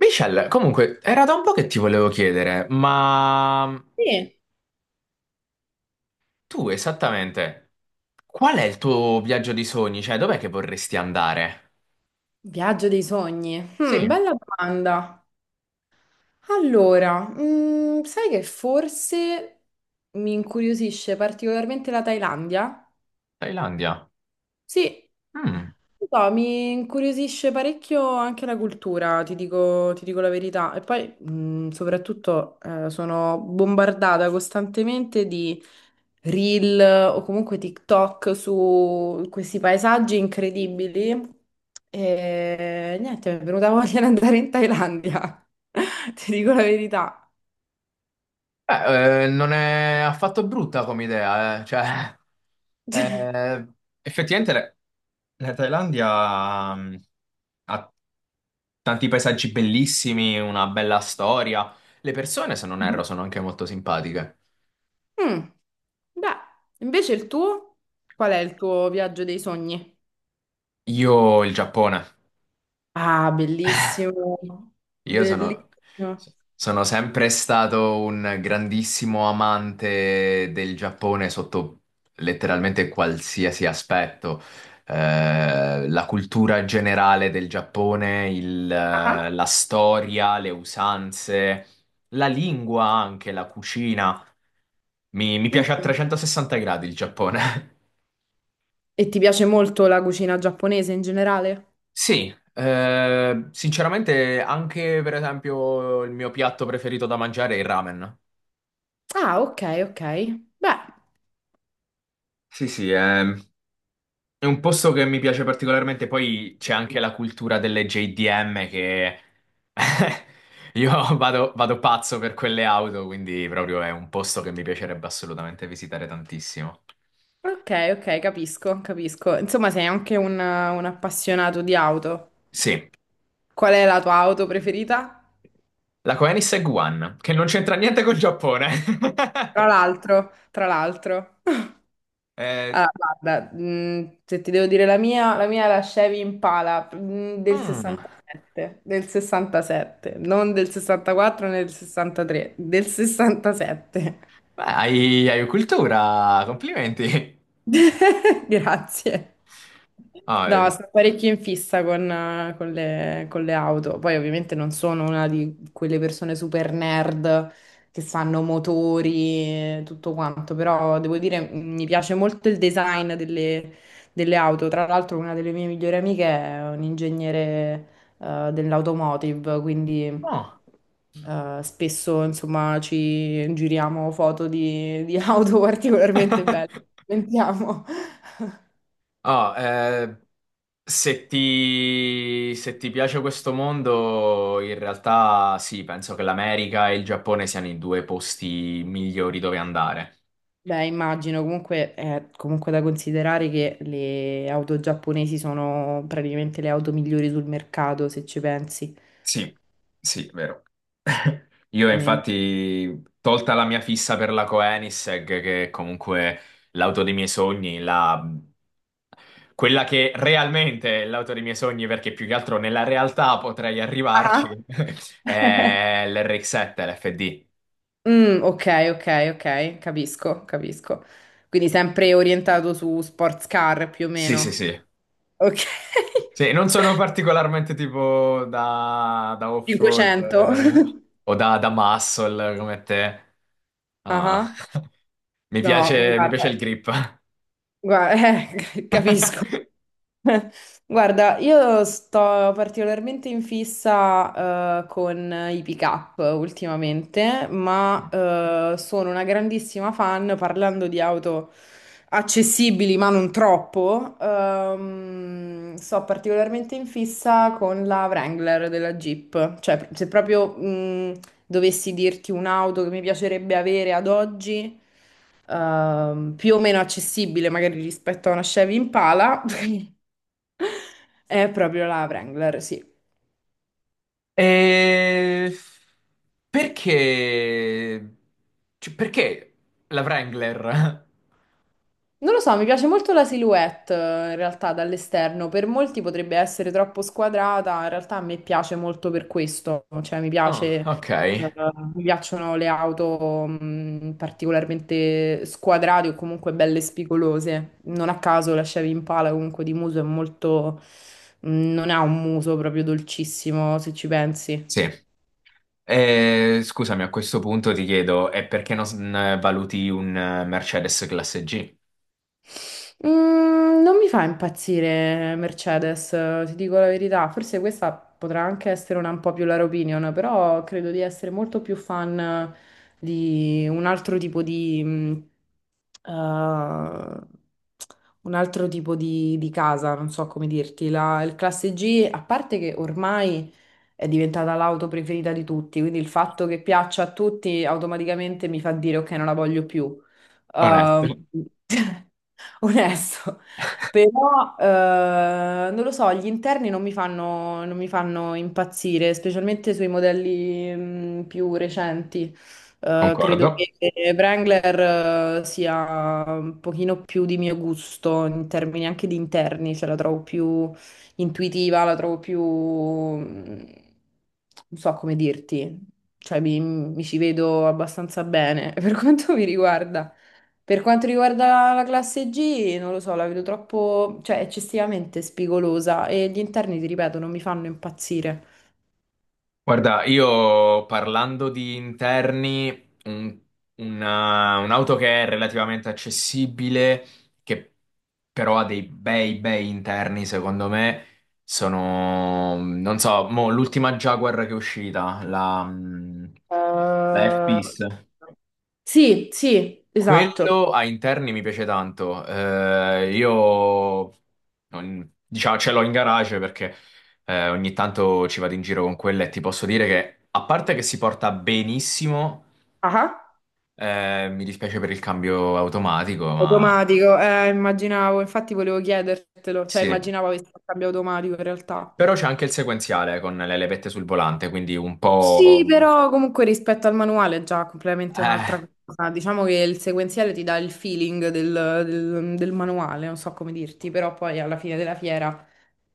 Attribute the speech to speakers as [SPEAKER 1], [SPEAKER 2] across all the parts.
[SPEAKER 1] Michelle, comunque, era da un po' che ti volevo chiedere, ma
[SPEAKER 2] Sì,
[SPEAKER 1] tu esattamente qual è il tuo viaggio di sogni? Cioè, dov'è che vorresti andare?
[SPEAKER 2] viaggio dei sogni.
[SPEAKER 1] Sì,
[SPEAKER 2] Bella domanda. Allora, sai che forse mi incuriosisce particolarmente la Thailandia?
[SPEAKER 1] Thailandia.
[SPEAKER 2] Sì,
[SPEAKER 1] Mm.
[SPEAKER 2] non so, mi incuriosisce parecchio anche la cultura, ti dico la verità. E poi, soprattutto, sono bombardata costantemente di reel o comunque TikTok su questi paesaggi incredibili. E niente, mi è venuta voglia di andare in Thailandia, ti dico la verità.
[SPEAKER 1] Beh, non è affatto brutta come idea, eh. Cioè, eh, effettivamente la Thailandia ha tanti paesaggi bellissimi, una bella storia. Le persone, se non erro, sono anche molto simpatiche.
[SPEAKER 2] Mm, Beh, invece il tuo? Qual è il tuo viaggio dei sogni?
[SPEAKER 1] Io il Giappone.
[SPEAKER 2] Ah, bellissimo,
[SPEAKER 1] Io sono,
[SPEAKER 2] bellissimo.
[SPEAKER 1] sono sempre stato un grandissimo amante del Giappone sotto letteralmente qualsiasi aspetto. La cultura generale del Giappone,
[SPEAKER 2] Ah.
[SPEAKER 1] la storia, le usanze, la lingua anche, la cucina. Mi piace a
[SPEAKER 2] Mm.
[SPEAKER 1] 360 gradi il Giappone.
[SPEAKER 2] E ti piace molto la cucina giapponese in generale?
[SPEAKER 1] Sì, sinceramente anche per esempio il mio piatto preferito da mangiare è il ramen.
[SPEAKER 2] Ah, ok, ok. Beh,
[SPEAKER 1] Sì, sì, è un posto che mi piace particolarmente. Poi c'è anche la cultura delle JDM che io vado pazzo per quelle auto, quindi proprio è un posto che mi piacerebbe assolutamente visitare tantissimo.
[SPEAKER 2] ok, ok, capisco, capisco. Insomma, sei anche un appassionato di auto.
[SPEAKER 1] Sì,
[SPEAKER 2] Qual è la tua auto preferita?
[SPEAKER 1] la Koenigsegg One, che non c'entra niente col Giappone.
[SPEAKER 2] Tra l'altro, tra l'altro.
[SPEAKER 1] Eh,
[SPEAKER 2] Allora, guarda, se ti devo dire la mia è la Chevy Impala del
[SPEAKER 1] mm,
[SPEAKER 2] 67, del 67, non del 64 né del 63, del 67.
[SPEAKER 1] beh, hai cultura, complimenti.
[SPEAKER 2] Grazie.
[SPEAKER 1] Ah,
[SPEAKER 2] No,
[SPEAKER 1] eh,
[SPEAKER 2] sono parecchio in fissa con le auto. Poi ovviamente non sono una di quelle persone super nerd che sanno motori e tutto quanto, però devo dire mi piace molto il design delle auto. Tra l'altro una delle mie migliori amiche è un ingegnere dell'automotive, quindi
[SPEAKER 1] oh.
[SPEAKER 2] spesso insomma ci giriamo foto di auto particolarmente belle. Sentiamo.
[SPEAKER 1] Ah, eh, se se ti piace questo mondo, in realtà sì, penso che l'America e il Giappone siano i due posti migliori dove andare.
[SPEAKER 2] Beh, immagino comunque è comunque da considerare che le auto giapponesi sono praticamente le auto migliori sul mercato, se ci pensi.
[SPEAKER 1] Sì, sì, vero. Io
[SPEAKER 2] Veramente.
[SPEAKER 1] infatti, tolta la mia fissa per la Koenigsegg, che è comunque l'auto dei miei sogni, la- quella che realmente è l'auto dei miei sogni, perché più che altro nella realtà potrei
[SPEAKER 2] Ah.
[SPEAKER 1] arrivarci, è l'RX-7, l'FD.
[SPEAKER 2] Mm, ok, ok, ok, capisco, capisco. Quindi sempre orientato su sports car più o
[SPEAKER 1] Sì, sì,
[SPEAKER 2] meno.
[SPEAKER 1] sì.
[SPEAKER 2] Ok.
[SPEAKER 1] Sì, non sono particolarmente tipo da off-road
[SPEAKER 2] 500.
[SPEAKER 1] o da muscle come te. Ah.
[SPEAKER 2] Ah, no,
[SPEAKER 1] Mi piace il grip.
[SPEAKER 2] guarda, capisco. Guarda, io sto particolarmente in fissa con i pick-up ultimamente, ma sono una grandissima fan, parlando di auto accessibili ma non troppo, sto particolarmente in fissa con la Wrangler della Jeep. Cioè, se proprio dovessi dirti un'auto che mi piacerebbe avere ad oggi più o meno accessibile magari rispetto a una Chevy Impala, è proprio la Wrangler, sì.
[SPEAKER 1] E perché? Cioè, perché la Wrangler?
[SPEAKER 2] Non lo so, mi piace molto la silhouette in realtà dall'esterno. Per molti potrebbe essere troppo squadrata, in realtà a me piace molto per questo. Cioè,
[SPEAKER 1] Oh, ok.
[SPEAKER 2] eh, mi piacciono le auto particolarmente squadrate o comunque belle spigolose. Non a caso la Chevy Impala comunque di muso è molto. Non ha un muso proprio dolcissimo, se ci pensi.
[SPEAKER 1] Sì. Scusami, a questo punto ti chiedo, è perché non valuti un Mercedes classe G?
[SPEAKER 2] Non mi fa impazzire Mercedes, ti dico la verità. Forse questa potrà anche essere una un po' più la opinion, però credo di essere molto più fan di un altro tipo di, eh, un altro tipo di casa, non so come dirti. Il Classe G, a parte che ormai è diventata l'auto preferita di tutti, quindi il fatto che piaccia a tutti automaticamente mi fa dire ok, non la voglio più
[SPEAKER 1] Onesto.
[SPEAKER 2] ehm, Onesto. Però, non lo so, gli interni non mi fanno impazzire, specialmente sui modelli, più recenti. Eh,
[SPEAKER 1] Concordo.
[SPEAKER 2] credo che Wrangler, sia un pochino più di mio gusto in termini anche di interni, cioè la trovo più intuitiva, la trovo più, non so come dirti, cioè mi ci vedo abbastanza bene per quanto mi riguarda. Per quanto riguarda la classe G, non lo so, la vedo troppo, cioè eccessivamente spigolosa e gli interni, ti ripeto, non mi fanno impazzire.
[SPEAKER 1] Guarda, io parlando di interni, un'auto che è relativamente accessibile, che però ha dei bei interni, secondo me, sono, non so, mo, l'ultima Jaguar che è uscita, la
[SPEAKER 2] Eh,
[SPEAKER 1] F-Pace.
[SPEAKER 2] Sì, sì, esatto.
[SPEAKER 1] Quello a interni mi piace tanto. Io diciamo, ce l'ho in garage perché ogni tanto ci vado in giro con quella e ti posso dire che, a parte che si porta benissimo,
[SPEAKER 2] Ah.
[SPEAKER 1] mi dispiace per il cambio automatico, ma
[SPEAKER 2] Automatico, immaginavo, infatti volevo chiedertelo, cioè
[SPEAKER 1] sì.
[SPEAKER 2] immaginavo avessi il cambio automatico in realtà.
[SPEAKER 1] Però c'è anche il sequenziale con le levette sul volante, quindi un
[SPEAKER 2] Sì,
[SPEAKER 1] po'...
[SPEAKER 2] però comunque rispetto al manuale è già completamente un'altra
[SPEAKER 1] eh,
[SPEAKER 2] cosa. Diciamo che il sequenziale ti dà il feeling del manuale, non so come dirti, però poi alla fine della fiera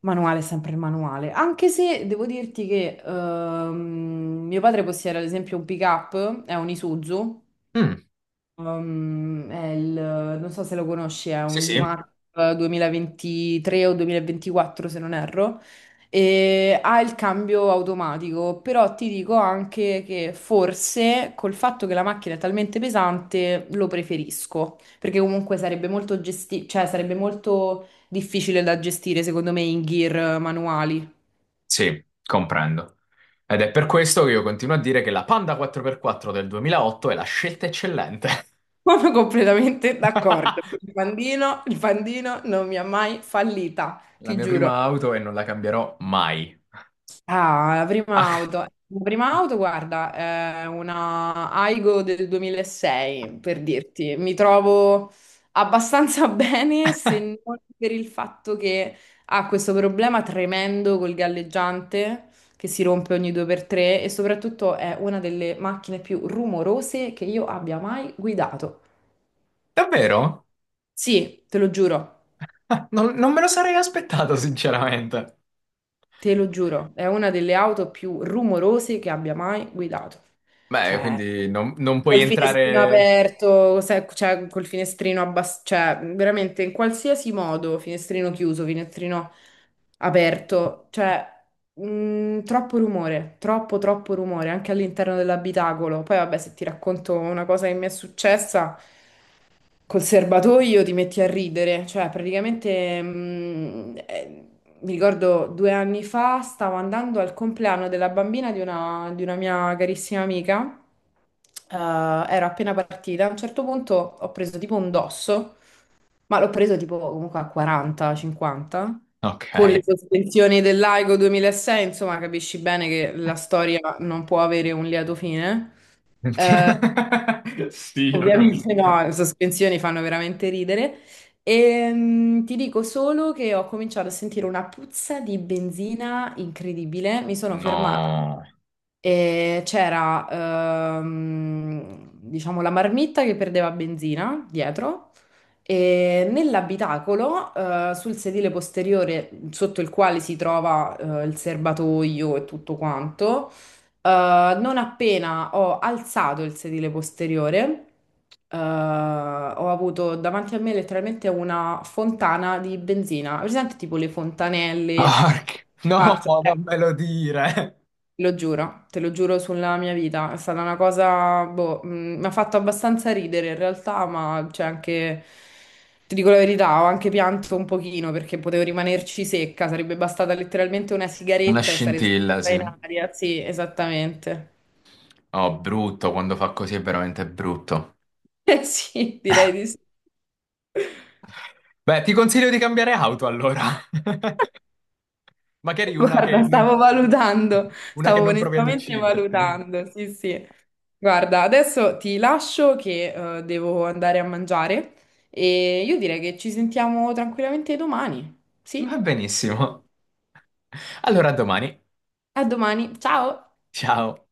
[SPEAKER 2] manuale, è sempre il manuale. Anche se devo dirti che mio padre possiede ad esempio un pick-up, è un Isuzu.
[SPEAKER 1] mm,
[SPEAKER 2] Um, è il, non so se lo conosci, è
[SPEAKER 1] sì,
[SPEAKER 2] un
[SPEAKER 1] sì.
[SPEAKER 2] D-Max 2023 o 2024 se non erro, e ha il cambio automatico, però ti dico anche che forse col fatto che la macchina è talmente pesante lo preferisco, perché comunque sarebbe molto difficile da gestire secondo me in gear manuali.
[SPEAKER 1] Sì, comprendo. Ed è per questo che io continuo a dire che la Panda 4x4 del 2008 è la scelta eccellente.
[SPEAKER 2] Sono completamente d'accordo. Il pandino non mi ha mai fallita,
[SPEAKER 1] La
[SPEAKER 2] ti
[SPEAKER 1] mia
[SPEAKER 2] giuro.
[SPEAKER 1] prima auto e non la cambierò mai.
[SPEAKER 2] Ah, la prima
[SPEAKER 1] Ah,
[SPEAKER 2] auto. La prima auto, guarda, è una Aigo del 2006, per dirti. Mi trovo abbastanza bene, se non per il fatto che ha questo problema tremendo col galleggiante, che si rompe ogni 2x3, e soprattutto è una delle macchine più rumorose che io abbia mai guidato.
[SPEAKER 1] davvero?
[SPEAKER 2] Sì, te lo giuro.
[SPEAKER 1] Ah, non, non me lo sarei aspettato, sinceramente.
[SPEAKER 2] Te lo giuro, è una delle auto più rumorose che abbia mai guidato.
[SPEAKER 1] Beh,
[SPEAKER 2] Cioè,
[SPEAKER 1] quindi non, non puoi
[SPEAKER 2] col finestrino
[SPEAKER 1] entrare...
[SPEAKER 2] aperto, cioè, col finestrino abbassato, cioè, veramente in qualsiasi modo, finestrino chiuso, finestrino aperto, cioè, troppo rumore, troppo, troppo rumore, anche all'interno dell'abitacolo. Poi, vabbè, se ti racconto una cosa che mi è successa. Col serbatoio ti metti a ridere, cioè praticamente mi ricordo 2 anni fa stavo andando al compleanno della bambina di una mia carissima amica, ero appena partita, a un certo punto ho preso tipo un dosso, ma l'ho preso tipo comunque a 40-50,
[SPEAKER 1] Ok.
[SPEAKER 2] con le sospensioni dell'Aigo 2006, insomma capisci bene che la storia non può avere un lieto fine. Eh,
[SPEAKER 1] Sì, lo
[SPEAKER 2] Ovviamente
[SPEAKER 1] capisco.
[SPEAKER 2] no, le sospensioni fanno veramente ridere. E ti dico solo che ho cominciato a sentire una puzza di benzina incredibile. Mi sono fermata
[SPEAKER 1] No.
[SPEAKER 2] e c'era, diciamo, la marmitta che perdeva benzina dietro. E nell'abitacolo, sul sedile posteriore sotto il quale si trova, il serbatoio e tutto quanto. Non appena ho alzato il sedile posteriore, ho avuto davanti a me letteralmente una fontana di benzina. Presente tipo le fontanelle?
[SPEAKER 1] Porca- No,
[SPEAKER 2] Parto- eh,
[SPEAKER 1] non me lo dire.
[SPEAKER 2] lo giuro, te lo giuro sulla mia vita. È stata una cosa, boh, mi ha fatto abbastanza ridere in realtà, ma c'è anche, ti dico la verità, ho anche pianto un pochino perché potevo rimanerci secca. Sarebbe bastata letteralmente una
[SPEAKER 1] Una
[SPEAKER 2] sigaretta e sarei
[SPEAKER 1] scintilla,
[SPEAKER 2] stata
[SPEAKER 1] sì.
[SPEAKER 2] in aria. Sì, esattamente.
[SPEAKER 1] Oh, brutto, quando fa così è veramente brutto.
[SPEAKER 2] Eh sì, direi di sì.
[SPEAKER 1] Beh, ti consiglio di cambiare auto allora. Magari
[SPEAKER 2] Guarda, stavo valutando,
[SPEAKER 1] una che
[SPEAKER 2] stavo
[SPEAKER 1] non provi ad
[SPEAKER 2] onestamente
[SPEAKER 1] ucciderti.
[SPEAKER 2] valutando. Sì, sì. Guarda, adesso ti lascio che devo andare a mangiare e io direi che ci sentiamo tranquillamente domani.
[SPEAKER 1] Va
[SPEAKER 2] Sì,
[SPEAKER 1] benissimo. Allora, a domani.
[SPEAKER 2] a domani. Ciao.
[SPEAKER 1] Ciao.